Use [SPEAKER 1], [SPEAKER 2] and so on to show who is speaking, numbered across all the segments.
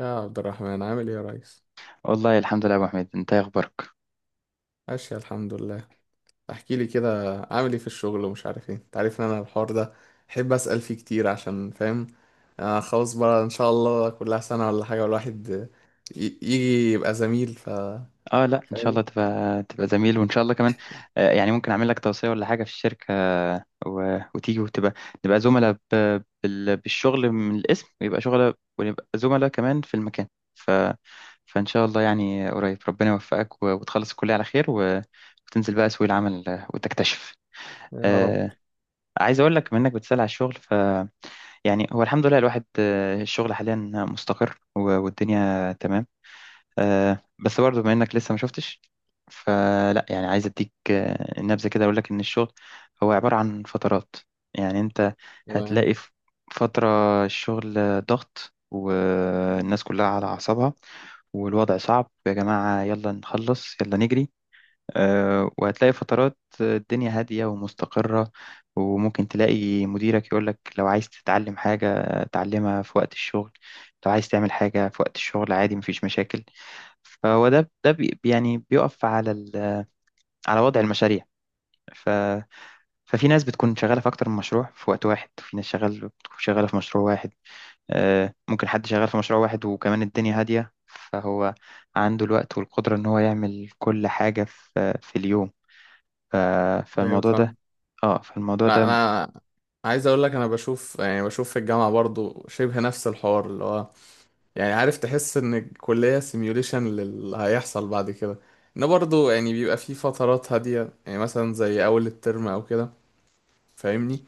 [SPEAKER 1] يا عبد الرحمن عامل ايه يا ريس؟
[SPEAKER 2] والله الحمد لله يا ابو حميد، انت إيه اخبارك؟
[SPEAKER 1] ماشي الحمد لله. احكي لي كده عامل ايه في الشغل ومش عارف ايه. انت عارف ان انا الحوار ده احب اسال فيه كتير عشان فاهم. آه خلاص بقى ان شاء الله كلها سنه ولا حاجه، والواحد يجي يبقى زميل.
[SPEAKER 2] اه، لا ان شاء
[SPEAKER 1] فاهم.
[SPEAKER 2] الله تبقى زميل وان شاء الله كمان. يعني ممكن اعمل لك توصيه ولا حاجه في الشركه، وتيجي وتبقى نبقى زملاء بالشغل من الاسم، ويبقى شغل ونبقى زملاء كمان في المكان. ف... فان شاء الله يعني قريب ربنا يوفقك، وتخلص الكليه على خير، وتنزل بقى سوق العمل، وتكتشف.
[SPEAKER 1] يا رب.
[SPEAKER 2] آه عايز اقول لك، منك بتسأل على الشغل. يعني هو الحمد لله الواحد، الشغل حاليا مستقر، و... والدنيا تمام. بس برضه بما انك لسه ما شفتش، فلا يعني عايز اديك نبذه كده، اقول لك ان الشغل هو عباره عن فترات. يعني انت
[SPEAKER 1] تمام.
[SPEAKER 2] هتلاقي في فتره الشغل ضغط، والناس كلها على اعصابها والوضع صعب. يا جماعه يلا نخلص يلا نجري. وهتلاقي فترات الدنيا هاديه ومستقره، وممكن تلاقي مديرك يقولك: لو عايز تتعلم حاجه تعلمها في وقت الشغل، لو عايز تعمل حاجه في وقت الشغل عادي مفيش مشاكل. فهو ده يعني بيقف على على وضع المشاريع. ف... ففي ناس بتكون شغالة في أكتر من مشروع في وقت واحد، وفي ناس شغال بتكون شغالة في مشروع واحد. ممكن حد شغال في مشروع واحد وكمان الدنيا هادية، فهو عنده الوقت والقدرة إن هو يعمل كل حاجة في اليوم. ف...
[SPEAKER 1] ايوه
[SPEAKER 2] فالموضوع ده
[SPEAKER 1] فاهم.
[SPEAKER 2] اه فالموضوع
[SPEAKER 1] انا
[SPEAKER 2] ده.
[SPEAKER 1] أنا عايز اقول لك، انا بشوف يعني بشوف في الجامعه برضو شبه نفس الحوار، اللي هو يعني عارف، تحس ان الكلية سيميوليشن للي هيحصل بعد كده. ان برضو يعني بيبقى في فترات هادية، يعني مثلا زي اول الترم او كده، فاهمني؟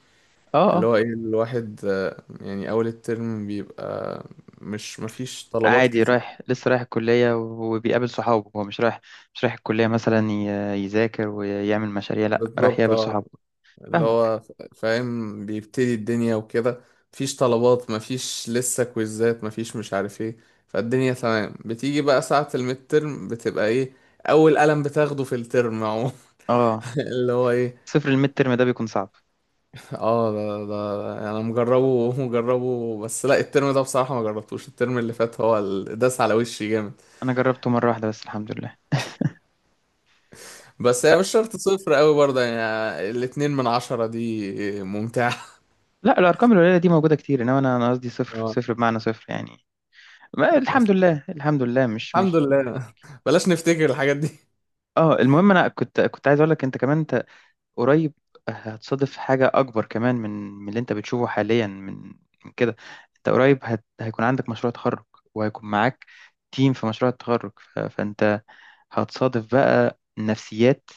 [SPEAKER 2] اه،
[SPEAKER 1] اللي
[SPEAKER 2] اه،
[SPEAKER 1] هو ايه الواحد يعني اول الترم بيبقى مش مفيش طلبات
[SPEAKER 2] عادي،
[SPEAKER 1] كتير.
[SPEAKER 2] لسه رايح الكلية وبيقابل صحابه. هو مش رايح الكلية مثلا يذاكر ويعمل مشاريع، لا رايح
[SPEAKER 1] بالظبط
[SPEAKER 2] يقابل
[SPEAKER 1] اه.
[SPEAKER 2] صحابه.
[SPEAKER 1] اللي
[SPEAKER 2] فاهمك.
[SPEAKER 1] هو فاهم بيبتدي الدنيا وكده. مفيش طلبات، مفيش لسه كويزات، مفيش مش عارف ايه. فالدنيا تمام. بتيجي بقى ساعة الميد ترم بتبقى ايه؟ اول قلم بتاخده في الترم عموما.
[SPEAKER 2] اه،
[SPEAKER 1] اللي هو ايه.
[SPEAKER 2] صفر الميد ترم ده بيكون صعب.
[SPEAKER 1] اه ده انا مجربه، مجربه، بس لا الترم ده بصراحة ما جربتوش. الترم اللي فات هو داس على وشي جامد.
[SPEAKER 2] انا جربته مره واحده بس، الحمد لله.
[SPEAKER 1] بس
[SPEAKER 2] ف...
[SPEAKER 1] هي مش شرط صفر قوي برضه، يعني 2 من 10 دي ممتعة.
[SPEAKER 2] لا، الارقام القليله دي موجوده كتير، انما انا قصدي صفر
[SPEAKER 1] اه
[SPEAKER 2] صفر بمعنى صفر يعني. ما الحمد
[SPEAKER 1] بس
[SPEAKER 2] لله، الحمد لله، مش
[SPEAKER 1] الحمد
[SPEAKER 2] مش مش
[SPEAKER 1] لله،
[SPEAKER 2] هشتكي.
[SPEAKER 1] بلاش نفتكر الحاجات دي.
[SPEAKER 2] اه، المهم انا كنت عايز اقول لك انت كمان. انت قريب هتصادف حاجه اكبر كمان من اللي انت بتشوفه حاليا، من كده. انت قريب هيكون عندك مشروع تخرج، وهيكون معاك تيم في مشروع التخرج. فانت هتصادف بقى نفسيات،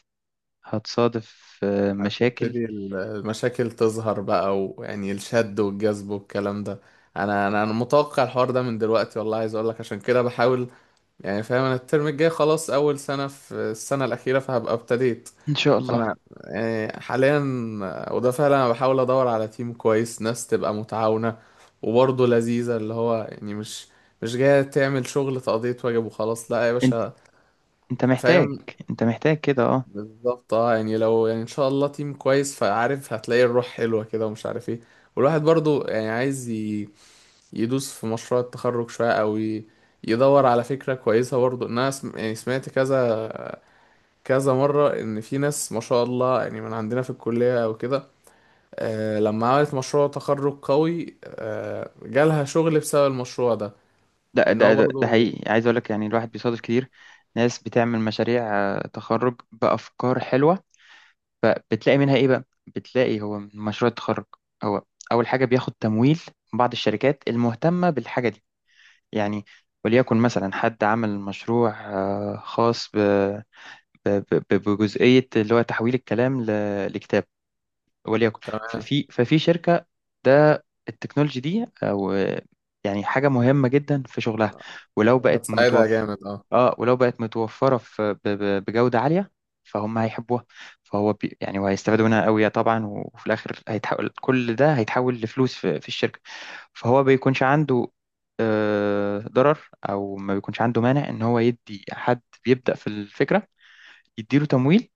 [SPEAKER 2] هتصادف مشاكل.
[SPEAKER 1] هتبتدي المشاكل تظهر بقى، ويعني الشد والجذب والكلام ده. انا متوقع الحوار ده من دلوقتي والله. عايز اقول لك عشان كده بحاول. يعني فاهم، انا الترم الجاي خلاص اول سنة في السنة الأخيرة، فهبقى ابتديت.
[SPEAKER 2] ان شاء الله.
[SPEAKER 1] فانا يعني حاليا، وده فعلا انا بحاول ادور على تيم كويس، ناس تبقى متعاونة وبرضه لذيذة، اللي هو يعني مش جاية تعمل شغل تقضية واجب وخلاص، لا يا باشا.
[SPEAKER 2] انت محتاج
[SPEAKER 1] فاهم.
[SPEAKER 2] انت محتاج كده، اه.
[SPEAKER 1] بالظبط اه. يعني لو يعني ان شاء الله تيم كويس، فعارف هتلاقي الروح حلوة كده ومش عارف ايه. والواحد برضه يعني عايز يدوس في مشروع التخرج شوية، او يدور على فكرة كويسة برضه. إن انا يعني سمعت كذا كذا مرة إن في ناس، ما شاء الله، يعني من عندنا في الكلية أو كده، لما عملت مشروع تخرج قوي جالها شغل بسبب المشروع ده.
[SPEAKER 2] ده
[SPEAKER 1] إن
[SPEAKER 2] ده
[SPEAKER 1] هو
[SPEAKER 2] ده, ده
[SPEAKER 1] برضه
[SPEAKER 2] حقيقي، عايز اقول لك يعني الواحد بيصادف كتير ناس بتعمل مشاريع تخرج بافكار حلوه. فبتلاقي منها ايه بقى؟ بتلاقي هو من مشروع التخرج، هو اول حاجه بياخد تمويل من بعض الشركات المهتمه بالحاجه دي، يعني. وليكن مثلا حد عمل مشروع خاص بجزئيه اللي هو تحويل الكلام لكتاب، وليكن. ففي شركة، ده التكنولوجي دي، او يعني حاجة مهمة جدا في شغلها. ولو بقت
[SPEAKER 1] هتساعدها
[SPEAKER 2] متوفر
[SPEAKER 1] جامد، اه.
[SPEAKER 2] اه ولو بقت متوفرة في بجودة عالية، فهم هيحبوها. فهو يعني وهيستفادوا منها قوي طبعا، وفي الاخر كل ده هيتحول لفلوس في الشركة. فهو بيكونش عنده ضرر، او ما بيكونش عنده مانع ان هو يدي حد بيبدأ في الفكرة يديله تمويل،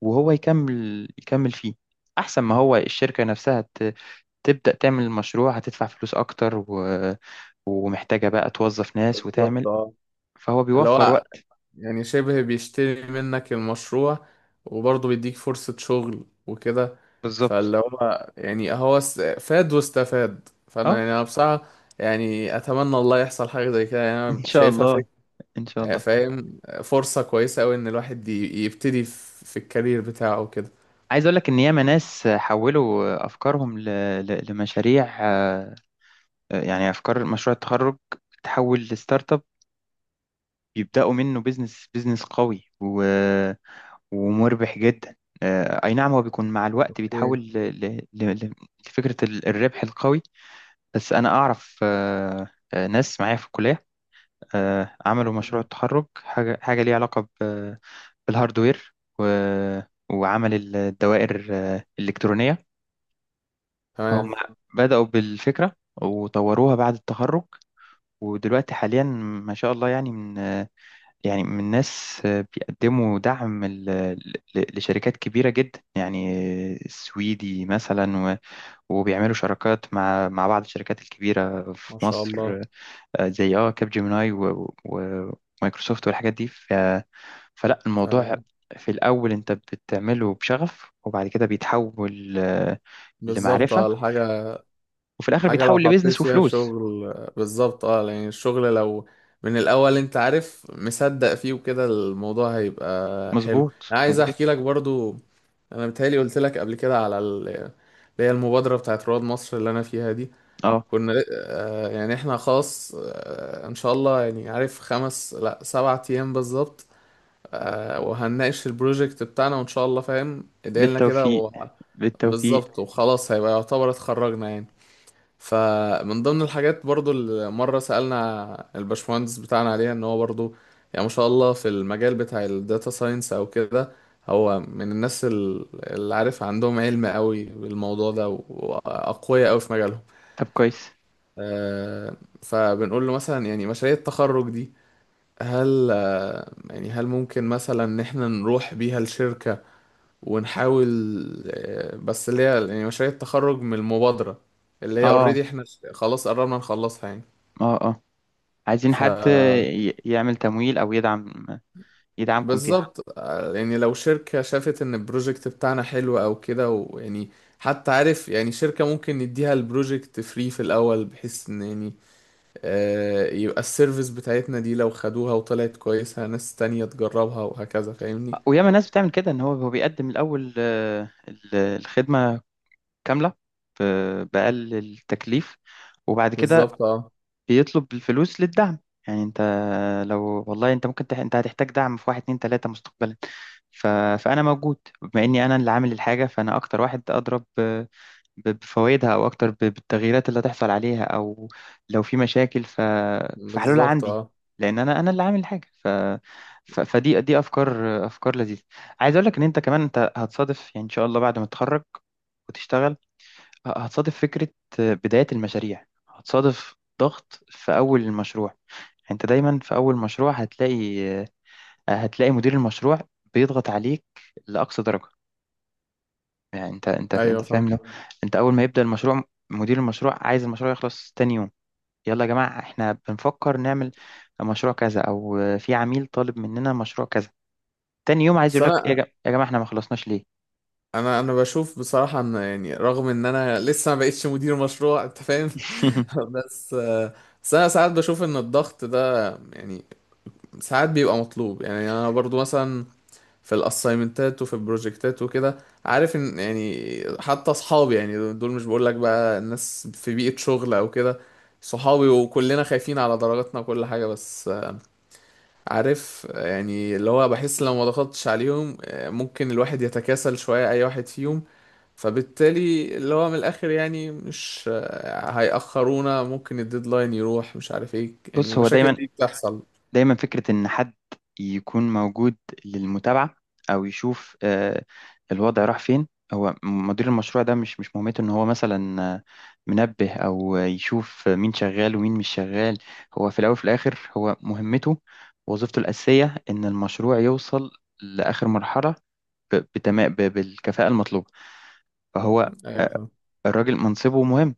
[SPEAKER 2] وهو يكمل فيه. احسن ما هو الشركة نفسها تبدأ تعمل المشروع، هتدفع فلوس اكتر، و... ومحتاجة بقى توظف ناس
[SPEAKER 1] بالظبط
[SPEAKER 2] وتعمل.
[SPEAKER 1] اه.
[SPEAKER 2] فهو
[SPEAKER 1] اللي
[SPEAKER 2] بيوفر
[SPEAKER 1] هو
[SPEAKER 2] وقت.
[SPEAKER 1] يعني شبه بيشتري منك المشروع وبرضه بيديك فرصة شغل وكده.
[SPEAKER 2] بالظبط،
[SPEAKER 1] فاللي هو يعني هو فاد واستفاد. فأنا
[SPEAKER 2] اه.
[SPEAKER 1] يعني أنا بصراحة، يعني أتمنى الله يحصل حاجة زي كده، يعني أنا
[SPEAKER 2] ان شاء
[SPEAKER 1] شايفها
[SPEAKER 2] الله، ان شاء الله.
[SPEAKER 1] فاهم فرصة كويسة أوي إن الواحد يبتدي في الكارير بتاعه وكده.
[SPEAKER 2] عايز اقول لك ان ياما ناس حولوا افكارهم لمشاريع، يعني افكار مشروع التخرج تحول لستارت اب، يبداوا منه بيزنس بيزنس قوي ومربح جدا. اي نعم، هو بيكون مع الوقت بيتحول
[SPEAKER 1] اوكي.
[SPEAKER 2] لفكرة الربح القوي. بس انا اعرف ناس معايا في الكلية عملوا مشروع
[SPEAKER 1] مم.
[SPEAKER 2] التخرج حاجة ليها علاقة بالهاردوير، وعمل الدوائر الإلكترونية. هم
[SPEAKER 1] تمام.
[SPEAKER 2] بدأوا بالفكرة وطوروها بعد التخرج، ودلوقتي حاليا ما شاء الله، يعني من آه، يعني من الناس بيقدموا دعم لشركات كبيرة جدا، يعني السويدي مثلا، وبيعملوا شراكات مع بعض الشركات الكبيرة في
[SPEAKER 1] ما شاء الله.
[SPEAKER 2] مصر، زي كاب جيميناي ومايكروسوفت والحاجات دي. فلا، الموضوع
[SPEAKER 1] آه،
[SPEAKER 2] في الأول أنت بتعمله بشغف، وبعد كده بيتحول
[SPEAKER 1] بالظبط
[SPEAKER 2] لمعرفة،
[SPEAKER 1] اه. الحاجة
[SPEAKER 2] وفي الآخر
[SPEAKER 1] الحاجة لو
[SPEAKER 2] بيتحول
[SPEAKER 1] حطيت
[SPEAKER 2] لبيزنس
[SPEAKER 1] فيها
[SPEAKER 2] وفلوس.
[SPEAKER 1] شغل بالظبط اه. يعني الشغل لو من الأول أنت عارف مصدق فيه وكده، الموضوع هيبقى حلو.
[SPEAKER 2] مظبوط،
[SPEAKER 1] أنا عايز أحكي
[SPEAKER 2] مظبوط.
[SPEAKER 1] لك برضو، أنا بتهيألي قلت لك قبل كده على اللي هي المبادرة بتاعت رواد مصر اللي أنا فيها دي.
[SPEAKER 2] اه،
[SPEAKER 1] كنا يعني احنا خلاص ان شاء الله، يعني عارف، خمس، لا 7 ايام بالظبط. وهنناقش البروجكت بتاعنا وان شاء الله، فاهم، ادعيلنا كده
[SPEAKER 2] بالتوفيق،
[SPEAKER 1] و...
[SPEAKER 2] بالتوفيق.
[SPEAKER 1] بالظبط. وخلاص هيبقى يعتبر اتخرجنا يعني. فمن ضمن الحاجات برضو اللي مرة سألنا الباشمهندس بتاعنا عليها، ان هو برضو، يعني ما شاء الله في المجال بتاع الداتا ساينس او كده، هو من الناس اللي عارف عندهم علم قوي بالموضوع ده واقوياء قوي في مجالهم.
[SPEAKER 2] طب كويس.
[SPEAKER 1] آه، فبنقول له مثلا يعني مشاريع التخرج دي، هل، يعني هل ممكن مثلا ان احنا نروح بيها الشركة ونحاول بس اللي هي يعني مشاريع التخرج من المبادرة، اللي هي
[SPEAKER 2] اه،
[SPEAKER 1] اوريدي، احنا خلاص قررنا نخلصها يعني.
[SPEAKER 2] اه، اه، عايزين
[SPEAKER 1] ف
[SPEAKER 2] حد يعمل تمويل، او يدعمكم فيها.
[SPEAKER 1] بالظبط يعني لو شركة شافت ان البروجكت بتاعنا حلو او كده، ويعني حتى عارف، يعني شركة ممكن نديها البروجكت فري في الاول، بحيث ان يعني يبقى السيرفيس بتاعتنا دي لو خدوها وطلعت كويسة ناس تانية تجربها وهكذا، فاهمني؟
[SPEAKER 2] وياما ناس بتعمل كده، ان هو بيقدم الاول الخدمه كامله باقل التكليف، وبعد كده
[SPEAKER 1] بالظبط اه.
[SPEAKER 2] بيطلب الفلوس للدعم. يعني انت، لو والله انت هتحتاج دعم في واحد اتنين تلاته مستقبلا. ف... فانا موجود، بما اني انا اللي عامل الحاجه، فانا اكتر واحد اضرب بفوائدها، او اكتر بالتغييرات اللي هتحصل عليها، او لو في مشاكل فحلولها
[SPEAKER 1] بالظبط
[SPEAKER 2] عندي،
[SPEAKER 1] اه.
[SPEAKER 2] لان انا اللي عامل الحاجه. فدي افكار افكار لذيذه. عايز اقول لك ان انت كمان انت هتصادف، يعني ان شاء الله بعد ما تتخرج وتشتغل، هتصادف فكره بدايه المشاريع، هتصادف ضغط في اول المشروع. يعني انت دايما في اول مشروع هتلاقي مدير المشروع بيضغط عليك لاقصى درجه. يعني انت انت
[SPEAKER 1] ايوه
[SPEAKER 2] انت فاهم؟
[SPEAKER 1] فاهم.
[SPEAKER 2] لو انت اول ما يبدأ المشروع، مدير المشروع عايز المشروع يخلص تاني يوم. يلا يا جماعة، احنا بنفكر نعمل مشروع كذا، او في عميل طالب مننا مشروع كذا، تاني يوم عايز
[SPEAKER 1] بس
[SPEAKER 2] يقول لك: ايه يا
[SPEAKER 1] انا
[SPEAKER 2] جماعة, يا جماعة احنا ما خلصناش ليه؟
[SPEAKER 1] انا انا بشوف بصراحة، ان يعني رغم ان انا لسه ما بقتش مدير مشروع، انت فاهم. بس بس انا ساعات بشوف ان الضغط ده، يعني ساعات بيبقى مطلوب. يعني انا برضو مثلا في الاسايمنتات وفي البروجكتات وكده، عارف ان يعني حتى اصحابي، يعني دول مش بقول لك بقى الناس في بيئة شغل او كده، صحابي وكلنا خايفين على درجاتنا وكل حاجة، بس عارف يعني اللي هو بحس لو ما ضغطتش عليهم ممكن الواحد يتكاسل شوية، أي واحد فيهم. فبالتالي اللي هو من الآخر يعني مش هيأخرونا، ممكن الديدلاين يروح مش عارف ايه، يعني
[SPEAKER 2] بص، هو
[SPEAKER 1] المشاكل
[SPEAKER 2] دايما
[SPEAKER 1] دي بتحصل.
[SPEAKER 2] دايما فكرة إن حد يكون موجود للمتابعة، أو يشوف الوضع راح فين. هو مدير المشروع ده مش مهمته إن هو مثلا منبه، أو يشوف مين شغال ومين مش شغال. هو في الأول وفي الآخر، هو مهمته وظيفته الأساسية إن المشروع يوصل لآخر مرحلة، بتمام بالكفاءة المطلوبة. فهو
[SPEAKER 1] ايوه
[SPEAKER 2] آه،
[SPEAKER 1] فاهم.
[SPEAKER 2] الراجل منصبه مهم،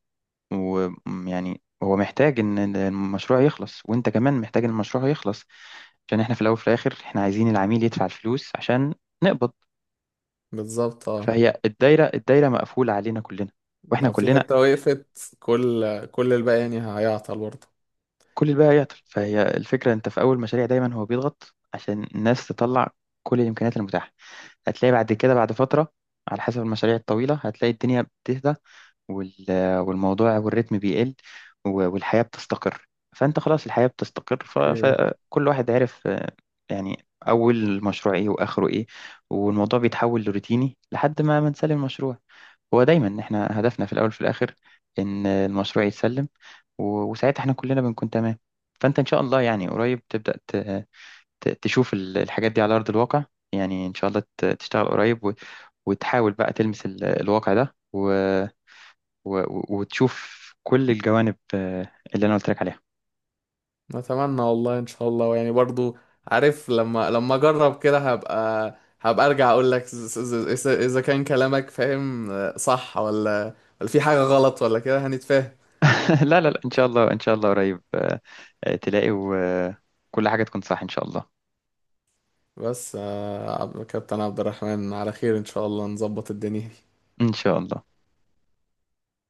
[SPEAKER 2] ويعني هو محتاج إن المشروع يخلص، وأنت كمان محتاج إن المشروع يخلص، عشان احنا في الاول وفي الاخر احنا عايزين العميل يدفع الفلوس عشان نقبض.
[SPEAKER 1] بالظبط اه.
[SPEAKER 2] فهي الدايره مقفوله علينا كلنا، واحنا
[SPEAKER 1] لو في
[SPEAKER 2] كلنا،
[SPEAKER 1] حتة وقفت كل الباقي يعني هيعطل برضه.
[SPEAKER 2] كل الباقي هيعطل. فهي الفكره، انت في اول مشاريع دايما هو بيضغط عشان الناس تطلع كل الامكانيات المتاحه. هتلاقي بعد كده بعد فتره، على حسب المشاريع الطويله، هتلاقي الدنيا بتهدى، وال- والموضوع والريتم بيقل، و- والحياة بتستقر. فأنت خلاص الحياة بتستقر، ف-
[SPEAKER 1] اوكي.
[SPEAKER 2] فكل واحد عارف يعني أول المشروع إيه وآخره إيه. والموضوع بيتحول لروتيني لحد ما نسلم المشروع. هو دايما إحنا هدفنا في الأول وفي الآخر إن المشروع يتسلم، و- وساعتها إحنا كلنا بنكون تمام. فأنت إن شاء الله يعني قريب تبدأ تشوف الحاجات دي على أرض الواقع، يعني إن شاء الله تشتغل قريب، و- وتحاول بقى تلمس الواقع ده، و و... و- وتشوف كل الجوانب اللي انا قلت لك عليها.
[SPEAKER 1] نتمنى والله، ان شاء الله، يعني برضه عارف، لما اجرب كده هبقى ارجع اقول لك اذا كان كلامك فاهم صح ولا في حاجة غلط ولا كده، هنتفاهم.
[SPEAKER 2] لا، لا، لا، ان شاء الله، ان شاء الله قريب تلاقي وكل حاجه تكون صح ان شاء الله،
[SPEAKER 1] بس كابتن عبد الرحمن على خير، ان شاء الله نظبط الدنيا.
[SPEAKER 2] ان شاء الله.